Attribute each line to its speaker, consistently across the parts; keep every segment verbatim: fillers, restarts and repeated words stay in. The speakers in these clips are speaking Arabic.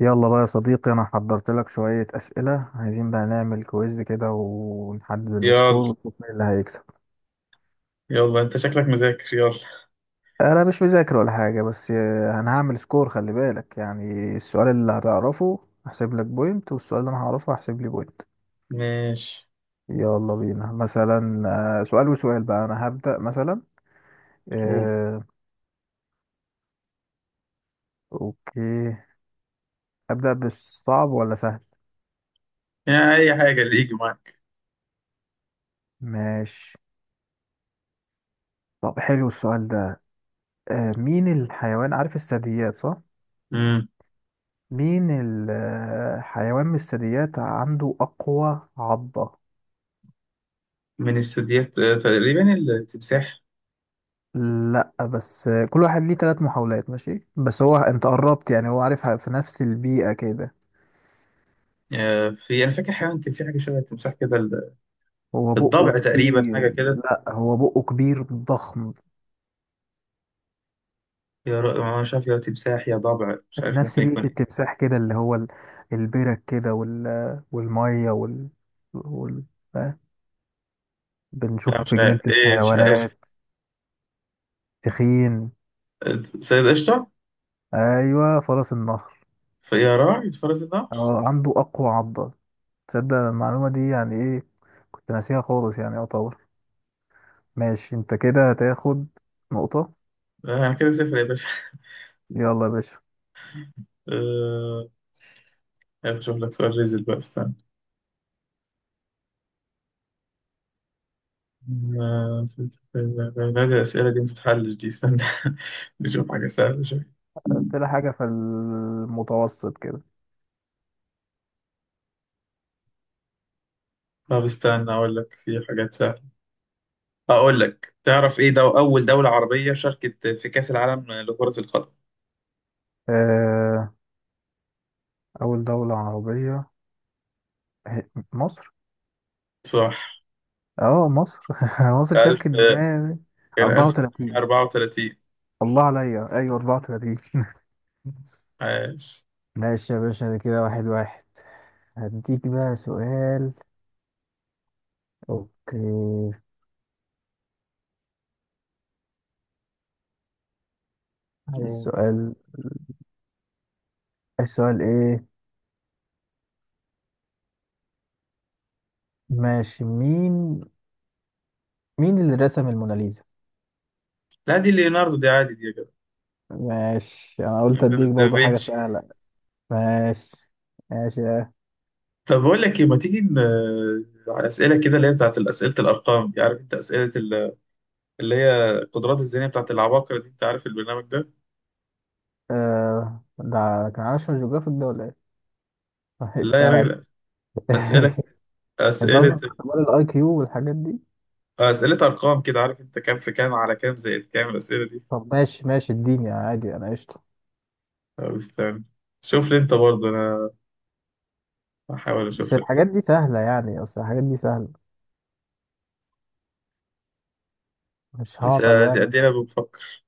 Speaker 1: يلا بقى يا صديقي، انا حضرت لك شوية اسئلة. عايزين بقى نعمل كويز كده ونحدد
Speaker 2: يلا،
Speaker 1: السكور ونشوف مين اللي هيكسب.
Speaker 2: يلا انت شكلك مذاكر، يلا.
Speaker 1: انا مش مذاكر ولا حاجة بس آه، انا هعمل سكور. خلي بالك يعني السؤال اللي هتعرفه هحسب لك بوينت، والسؤال اللي انا هعرفه هحسب لي بوينت.
Speaker 2: ماشي.
Speaker 1: يلا بينا. مثلا آه، سؤال وسؤال بقى. انا هبدأ مثلا.
Speaker 2: قول.
Speaker 1: آه، اوكي، ابدأ بالصعب ولا سهل؟
Speaker 2: يعني اي حاجة اللي يجي معاك.
Speaker 1: ماشي. طب حلو السؤال ده. آه، مين الحيوان، عارف الثدييات صح؟
Speaker 2: مم.
Speaker 1: مين الحيوان من الثدييات عنده أقوى عضة؟
Speaker 2: من الثدييات، آه، تقريبا التمساح.
Speaker 1: لأ بس كل واحد ليه تلات محاولات. ماشي بس هو أنت قربت يعني، هو عارفها في نفس البيئة كده.
Speaker 2: آه، في، انا فاكر حيوان كان في حاجة شبه التمساح كده، ال-
Speaker 1: هو بقه
Speaker 2: الضبع تقريبا،
Speaker 1: كبير.
Speaker 2: حاجة كده.
Speaker 1: لأ هو بقه كبير ضخم.
Speaker 2: يا ر- مش عارف، يا تمساح يا ضبع، مش عارف
Speaker 1: نفس
Speaker 2: ممكن يكون
Speaker 1: بيئة
Speaker 2: ايه.
Speaker 1: التمساح كده، اللي هو ال-، البرك كده وال...، والمية وال...، وال...، آه،
Speaker 2: لا
Speaker 1: بنشوفه
Speaker 2: مش
Speaker 1: في
Speaker 2: عارف
Speaker 1: جنينة
Speaker 2: ايه، مش عارف.
Speaker 1: الحيوانات. تخين.
Speaker 2: آه، سيد قشطة.
Speaker 1: أيوة، فرس النهر.
Speaker 2: فيا راعي فرس النهر.
Speaker 1: آه، عنده أقوى عضة. تصدق المعلومة دي يعني ايه، كنت ناسيها خالص يعني يعتبر. ماشي انت كده هتاخد نقطة.
Speaker 2: آه، انا كده صفر يا باشا.
Speaker 1: يلا يا باشا.
Speaker 2: آه، اشوف لك سؤال ريزل بقى، استنى. ما- لا دي الأسئلة دي متتحلش دي، استنى. نشوف حاجة سهلة شوية.
Speaker 1: قلت لها حاجة في المتوسط كده.
Speaker 2: طب استنى أقول لك، في حاجات سهلة. أقول لك، تعرف إيه دو أول دولة عربية شاركت في كأس العالم لكرة القدم؟
Speaker 1: آه. أول دولة عربية هي- مصر.
Speaker 2: صح.
Speaker 1: اه مصر مصر
Speaker 2: ألف،
Speaker 1: شاركت زمان.
Speaker 2: كان
Speaker 1: أربعة وثلاثين.
Speaker 2: ألف وتسعمية أربعة وتلاتين.
Speaker 1: الله عليا، ايوه أربعة وثلاثين
Speaker 2: عاش.
Speaker 1: ماشي يا باشا، ده كده واحد واحد. هديك بقى سؤال. اوكي، عايز
Speaker 2: قول.
Speaker 1: سؤال. عايز سؤال ايه؟ ماشي. مين، مين اللي رسم الموناليزا؟
Speaker 2: لا دي ليوناردو، دي عادي دي يا جدع.
Speaker 1: ماشي انا قلت
Speaker 2: ده
Speaker 1: اديك برضه حاجه
Speaker 2: دافنشي.
Speaker 1: سهله. ماشي ماشي.
Speaker 2: طب أقول لك إيه، ما تيجي ن- على أسئلة كده، اللي هي بتاعت أسئلة الأرقام دي، عارف أنت أسئلة ال- اللي هي القدرات الذهنية بتاعت العباقرة دي، أنت عارف البرنامج ده؟
Speaker 1: آه ده كان ناشونال جيوغرافيك ده ولا ايه؟ مش
Speaker 2: لا يا
Speaker 1: عارف
Speaker 2: راجل. أسئلة،
Speaker 1: انت
Speaker 2: أسئلة،
Speaker 1: قصدك اختبار الاي كيو والحاجات دي؟
Speaker 2: أسئلة أرقام كده، عارف أنت كام في كام على كام زائد كام، الأسئلة دي.
Speaker 1: طب ماشي ماشي، اديني عادي انا قشطه.
Speaker 2: طب استنى، شوف لي أنت برضه. أنا هحاول
Speaker 1: بس
Speaker 2: أشوف لك.
Speaker 1: الحاجات دي سهله، يعني اصل الحاجات دي سهله، مش
Speaker 2: بس
Speaker 1: هعطل
Speaker 2: أدي-
Speaker 1: يعني.
Speaker 2: أدينا بنفكر.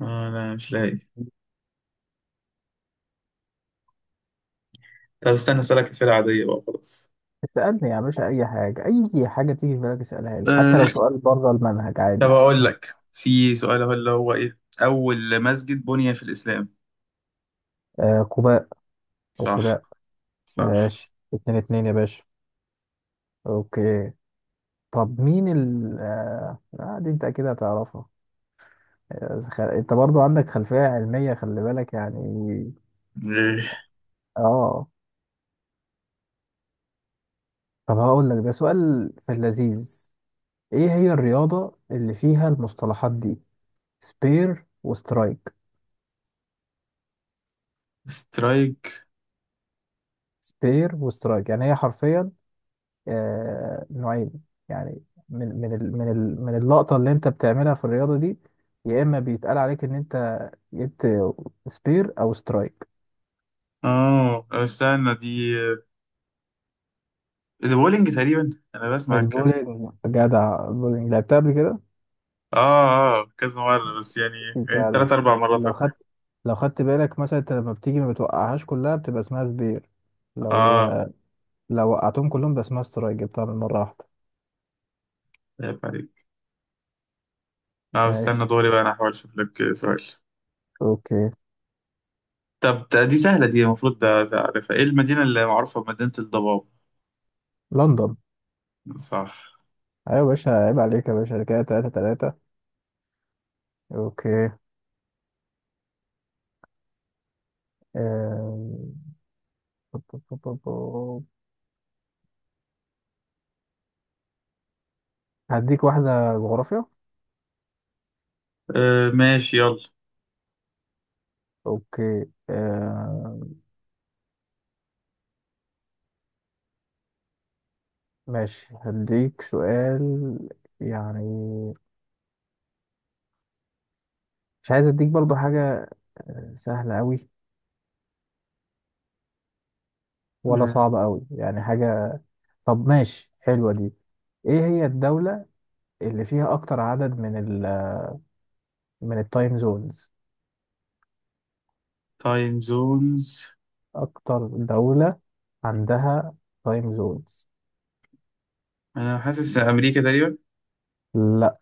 Speaker 2: آه، أنا مش لاقي. طب استنى أسألك أسئلة عادية بقى، خلاص.
Speaker 1: اسألني يا باشا أي حاجة، أي حاجة تيجي في بالك اسألها لي، حتى لو
Speaker 2: آه،
Speaker 1: سؤال بره المنهج
Speaker 2: طب
Speaker 1: عادي.
Speaker 2: أقول
Speaker 1: ها.
Speaker 2: لك في سؤال، هو اللي هو إيه أول مسجد بني في الإسلام؟
Speaker 1: آه، كوباء. أو
Speaker 2: صح.
Speaker 1: كباء.
Speaker 2: صح.
Speaker 1: ماشي اتنين اتنين يا باشا. أوكي. طب مين ال آه آه، دي انت اكيد هتعرفها. آه، خ- انت برضو عندك خلفية علمية، خلي بالك يعني.
Speaker 2: إيه؟
Speaker 1: اه. طب هقول لك ده سؤال في اللذيذ. ايه هي الرياضة اللي فيها المصطلحات دي: سبير وسترايك؟
Speaker 2: سترايك.
Speaker 1: سبير وسترايك، يعني هي حرفيا آه نوعين يعني، من من ال من ال من اللقطة اللي انت بتعملها في الرياضة دي، يا اما بيتقال عليك ان انت جبت سبير او سترايك.
Speaker 2: آه استنى، دي، دي بولينج تقريبا، أنا بسمع الكلام.
Speaker 1: البولينج، جدع، البولينج لعبتها قبل كده.
Speaker 2: اه اه، كذا مرة بس يعني. ايه،
Speaker 1: جدع.
Speaker 2: تلات أربع مرات
Speaker 1: لو
Speaker 2: ولا حاجة.
Speaker 1: خدت، لو خدت بالك مثلا انت لما بتيجي ما بتوقعهاش كلها بتبقى اسمها سبير. لو،
Speaker 2: اه.
Speaker 1: لو وقعتهم كلهم بيبقى اسمها سترايك، جبتها من مرة واحدة.
Speaker 2: عيب عليك. اه
Speaker 1: ماشي.
Speaker 2: استنى دوري بقى، أنا هحاول أشوف لك سؤال.
Speaker 1: اوكي.
Speaker 2: طب ده- دي سهلة دي، المفروض ده ده عارفها. ايه المدينة اللي معروفة بمدينة الضباب؟
Speaker 1: لندن.
Speaker 2: صح.
Speaker 1: ايوه يا باشا، عيب عليك يا باشا، ده كده تلاتة تلاتة. اوكي. آم، بو- بو- بو- بو- بو. هديك واحدة جغرافيا.
Speaker 2: آه ماشي، يلا.
Speaker 1: اوكي آم، ماشي هديك سؤال، يعني مش عايز اديك برضو حاجة سهلة أوي ولا
Speaker 2: آه.
Speaker 1: صعب قوي، يعني حاجة. طب ماشي حلوة دي. ايه هي الدولة اللي فيها اكتر عدد من ال، من التايم زونز؟
Speaker 2: تايم زونز.
Speaker 1: اكتر دولة عندها تايم زونز.
Speaker 2: أنا حاسس أمريكا تقريبا.
Speaker 1: لا.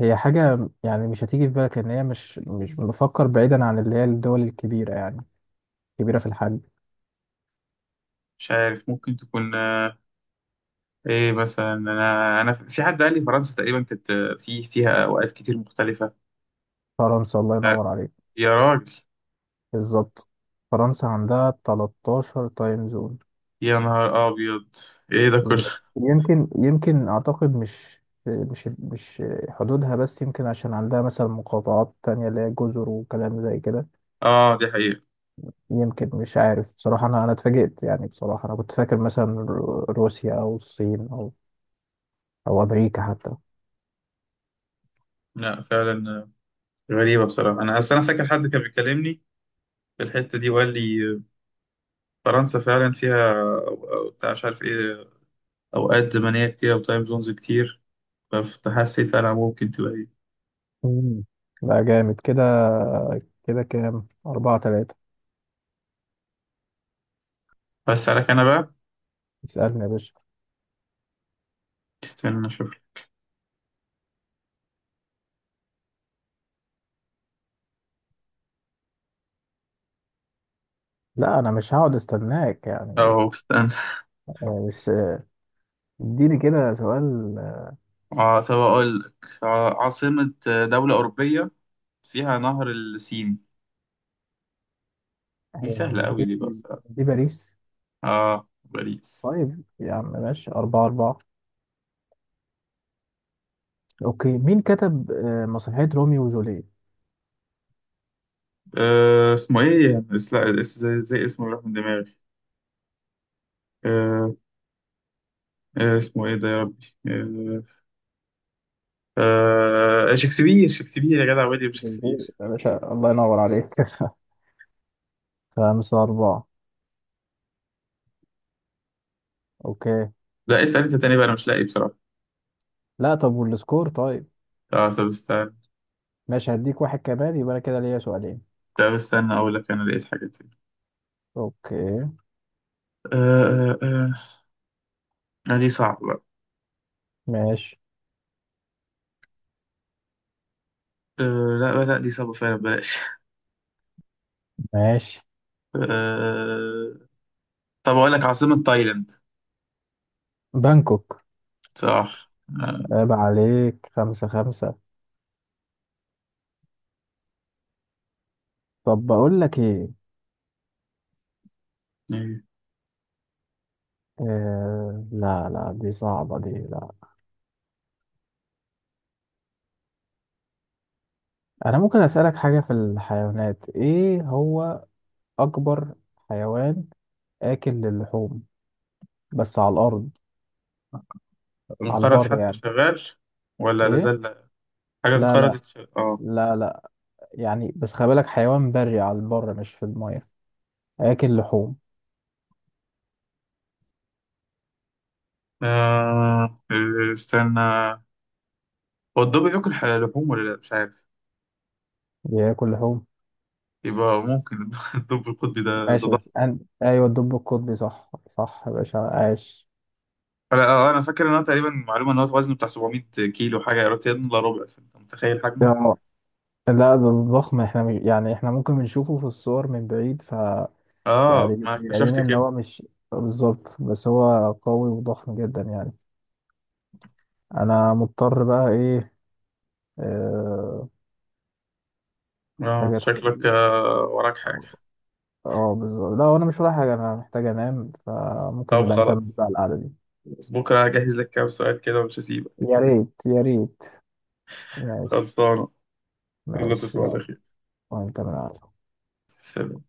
Speaker 1: هي حاجة يعني مش هتيجي في بالك، ان هي مش مش بفكر بعيدا عن اللي هي الدول الكبيرة يعني، كبيرة في الحجم.
Speaker 2: مش عارف، ممكن تكون، آه، ايه مثلا؟ أنا أنا في حد قال لي فرنسا تقريبا، كانت آه، في، فيها أوقات كتير مختلفة.
Speaker 1: فرنسا، الله
Speaker 2: آه،
Speaker 1: ينور عليك.
Speaker 2: يا راجل.
Speaker 1: بالظبط. فرنسا عندها تلتاشر تايم زون.
Speaker 2: يا نهار أبيض، ايه ده كله؟
Speaker 1: يمكن، يمكن اعتقد مش مش مش حدودها بس، يمكن عشان عندها مثلا مقاطعات تانية اللي هي جزر وكلام زي كده.
Speaker 2: اه دي حقيقة.
Speaker 1: يمكن مش عارف بصراحة، انا انا اتفاجئت يعني بصراحة. انا كنت فاكر مثلا رو- روسيا او الصين او او امريكا حتى.
Speaker 2: لا فعلا غريبة بصراحة. أنا أصل أنا فاكر حد كان بيكلمني في الحتة دي، وقال لي فرنسا فعلا فيها، أو- أو بتاع، مش عارف إيه، أوقات زمنية كتير أو تايم زونز كتير. فحسيت أنا ممكن تبقى إيه.
Speaker 1: مم. لا جامد كده. كده كام، أربعة تلاتة.
Speaker 2: بس عليك، أنا بقى
Speaker 1: اسألني يا باشا.
Speaker 2: استنى أشوف لك.
Speaker 1: لا أنا مش هقعد استناك يعني.
Speaker 2: أهو استنى.
Speaker 1: آه، بس آه، اديني كده سؤال. آه،
Speaker 2: آه طب أقول لك، ع- عاصمة دولة أوروبية فيها نهر السين؟ دي
Speaker 1: هي،
Speaker 2: سهلة أوي
Speaker 1: دي,
Speaker 2: دي برضه.
Speaker 1: دي باريس.
Speaker 2: آه باريس.
Speaker 1: طيب يا عم، ماشي أربعة أربعة. أوكي. مين كتب آه، مسرحية روميو وجولييت؟
Speaker 2: آه اسمه إيه يعني؟ اس- لا اس- زي، زي اسمه راح من دماغي. آه. آه اسمه إيه ده يا ربي؟ آه شكسبير، شكسبير يا جدع، ويليام
Speaker 1: جمهور
Speaker 2: شكسبير.
Speaker 1: يا باشا، الله ينور عليك خمسة أربعة. أوكي.
Speaker 2: لا اسأل انت تاني بقى، انا مش لاقي بصراحة.
Speaker 1: لا طب والسكور طيب.
Speaker 2: اه طب استنى.
Speaker 1: ماشي هديك واحد كمان، يبقى أنا كده ليا سؤالين.
Speaker 2: طب استنى اقول لك، انا لقيت حاجة تاني.
Speaker 1: أوكي.
Speaker 2: آه آه آه آه، دي صعبة بقى.
Speaker 1: ماشي
Speaker 2: آه لا لا، دي صعبة فعلا، بلاش.
Speaker 1: ماشي.
Speaker 2: آه. طب اقول لك، عاصمة تايلاند؟
Speaker 1: بانكوك.
Speaker 2: صح. آه.
Speaker 1: عيب عليك، خمسة خمسة. طب بقول لك إيه،
Speaker 2: إيه.
Speaker 1: آه لا لا دي صعبة دي لا. أنا ممكن أسألك حاجة في الحيوانات. إيه هو أكبر حيوان آكل للحوم؟ بس على الارض، على
Speaker 2: انقرض
Speaker 1: البر
Speaker 2: حتى
Speaker 1: يعني.
Speaker 2: شغال ولا
Speaker 1: ايه؟
Speaker 2: لازال؟ حاجة
Speaker 1: لا لا،
Speaker 2: انقرضت شغال. اه.
Speaker 1: لا لا، يعني بس خلي بالك حيوان بري على البر، مش في الميه، هياكل لحوم.
Speaker 2: آه، استنى، هو الدب بياكل ح- لحوم ولا لا؟ مش عارف.
Speaker 1: بياكل لحوم.
Speaker 2: يبقى ممكن الد- الدب القطبي ده ده.
Speaker 1: ماشي بس أن...، ايوه الدب القطبي، صح صح يا باشا، عاش.
Speaker 2: انا آه، انا فاكر ان هو تقريبا، معلومه ان هو وزنه بتاع سبعمائة كيلو حاجه، يا ريت يلا ربع، فانت متخيل حجمه.
Speaker 1: اه لا ده ضخم، احنا مش... يعني احنا ممكن بنشوفه في الصور من بعيد ف
Speaker 2: اه،
Speaker 1: يعني
Speaker 2: ما
Speaker 1: بيبقى
Speaker 2: اكتشفت
Speaker 1: لنا ان
Speaker 2: كده.
Speaker 1: هو مش بالظبط، بس هو قوي وضخم جدا يعني. انا مضطر بقى ايه، آه، محتاج
Speaker 2: اه
Speaker 1: ادخل.
Speaker 2: شكلك، آه، وراك حاجه.
Speaker 1: اه بالظبط، لا انا مش ورايا حاجه، انا محتاج انام، فممكن
Speaker 2: طب
Speaker 1: نبقى نكمل
Speaker 2: خلاص،
Speaker 1: بقى القعده دي.
Speaker 2: بكره هجهز لك كام سؤال كده ومش هسيبك.
Speaker 1: يا ريت يا ريت. ماشي.
Speaker 2: خلصانه. يلا
Speaker 1: ماشي
Speaker 2: تصبح على
Speaker 1: يلا.
Speaker 2: خير.
Speaker 1: وانت من القعده.
Speaker 2: سلام.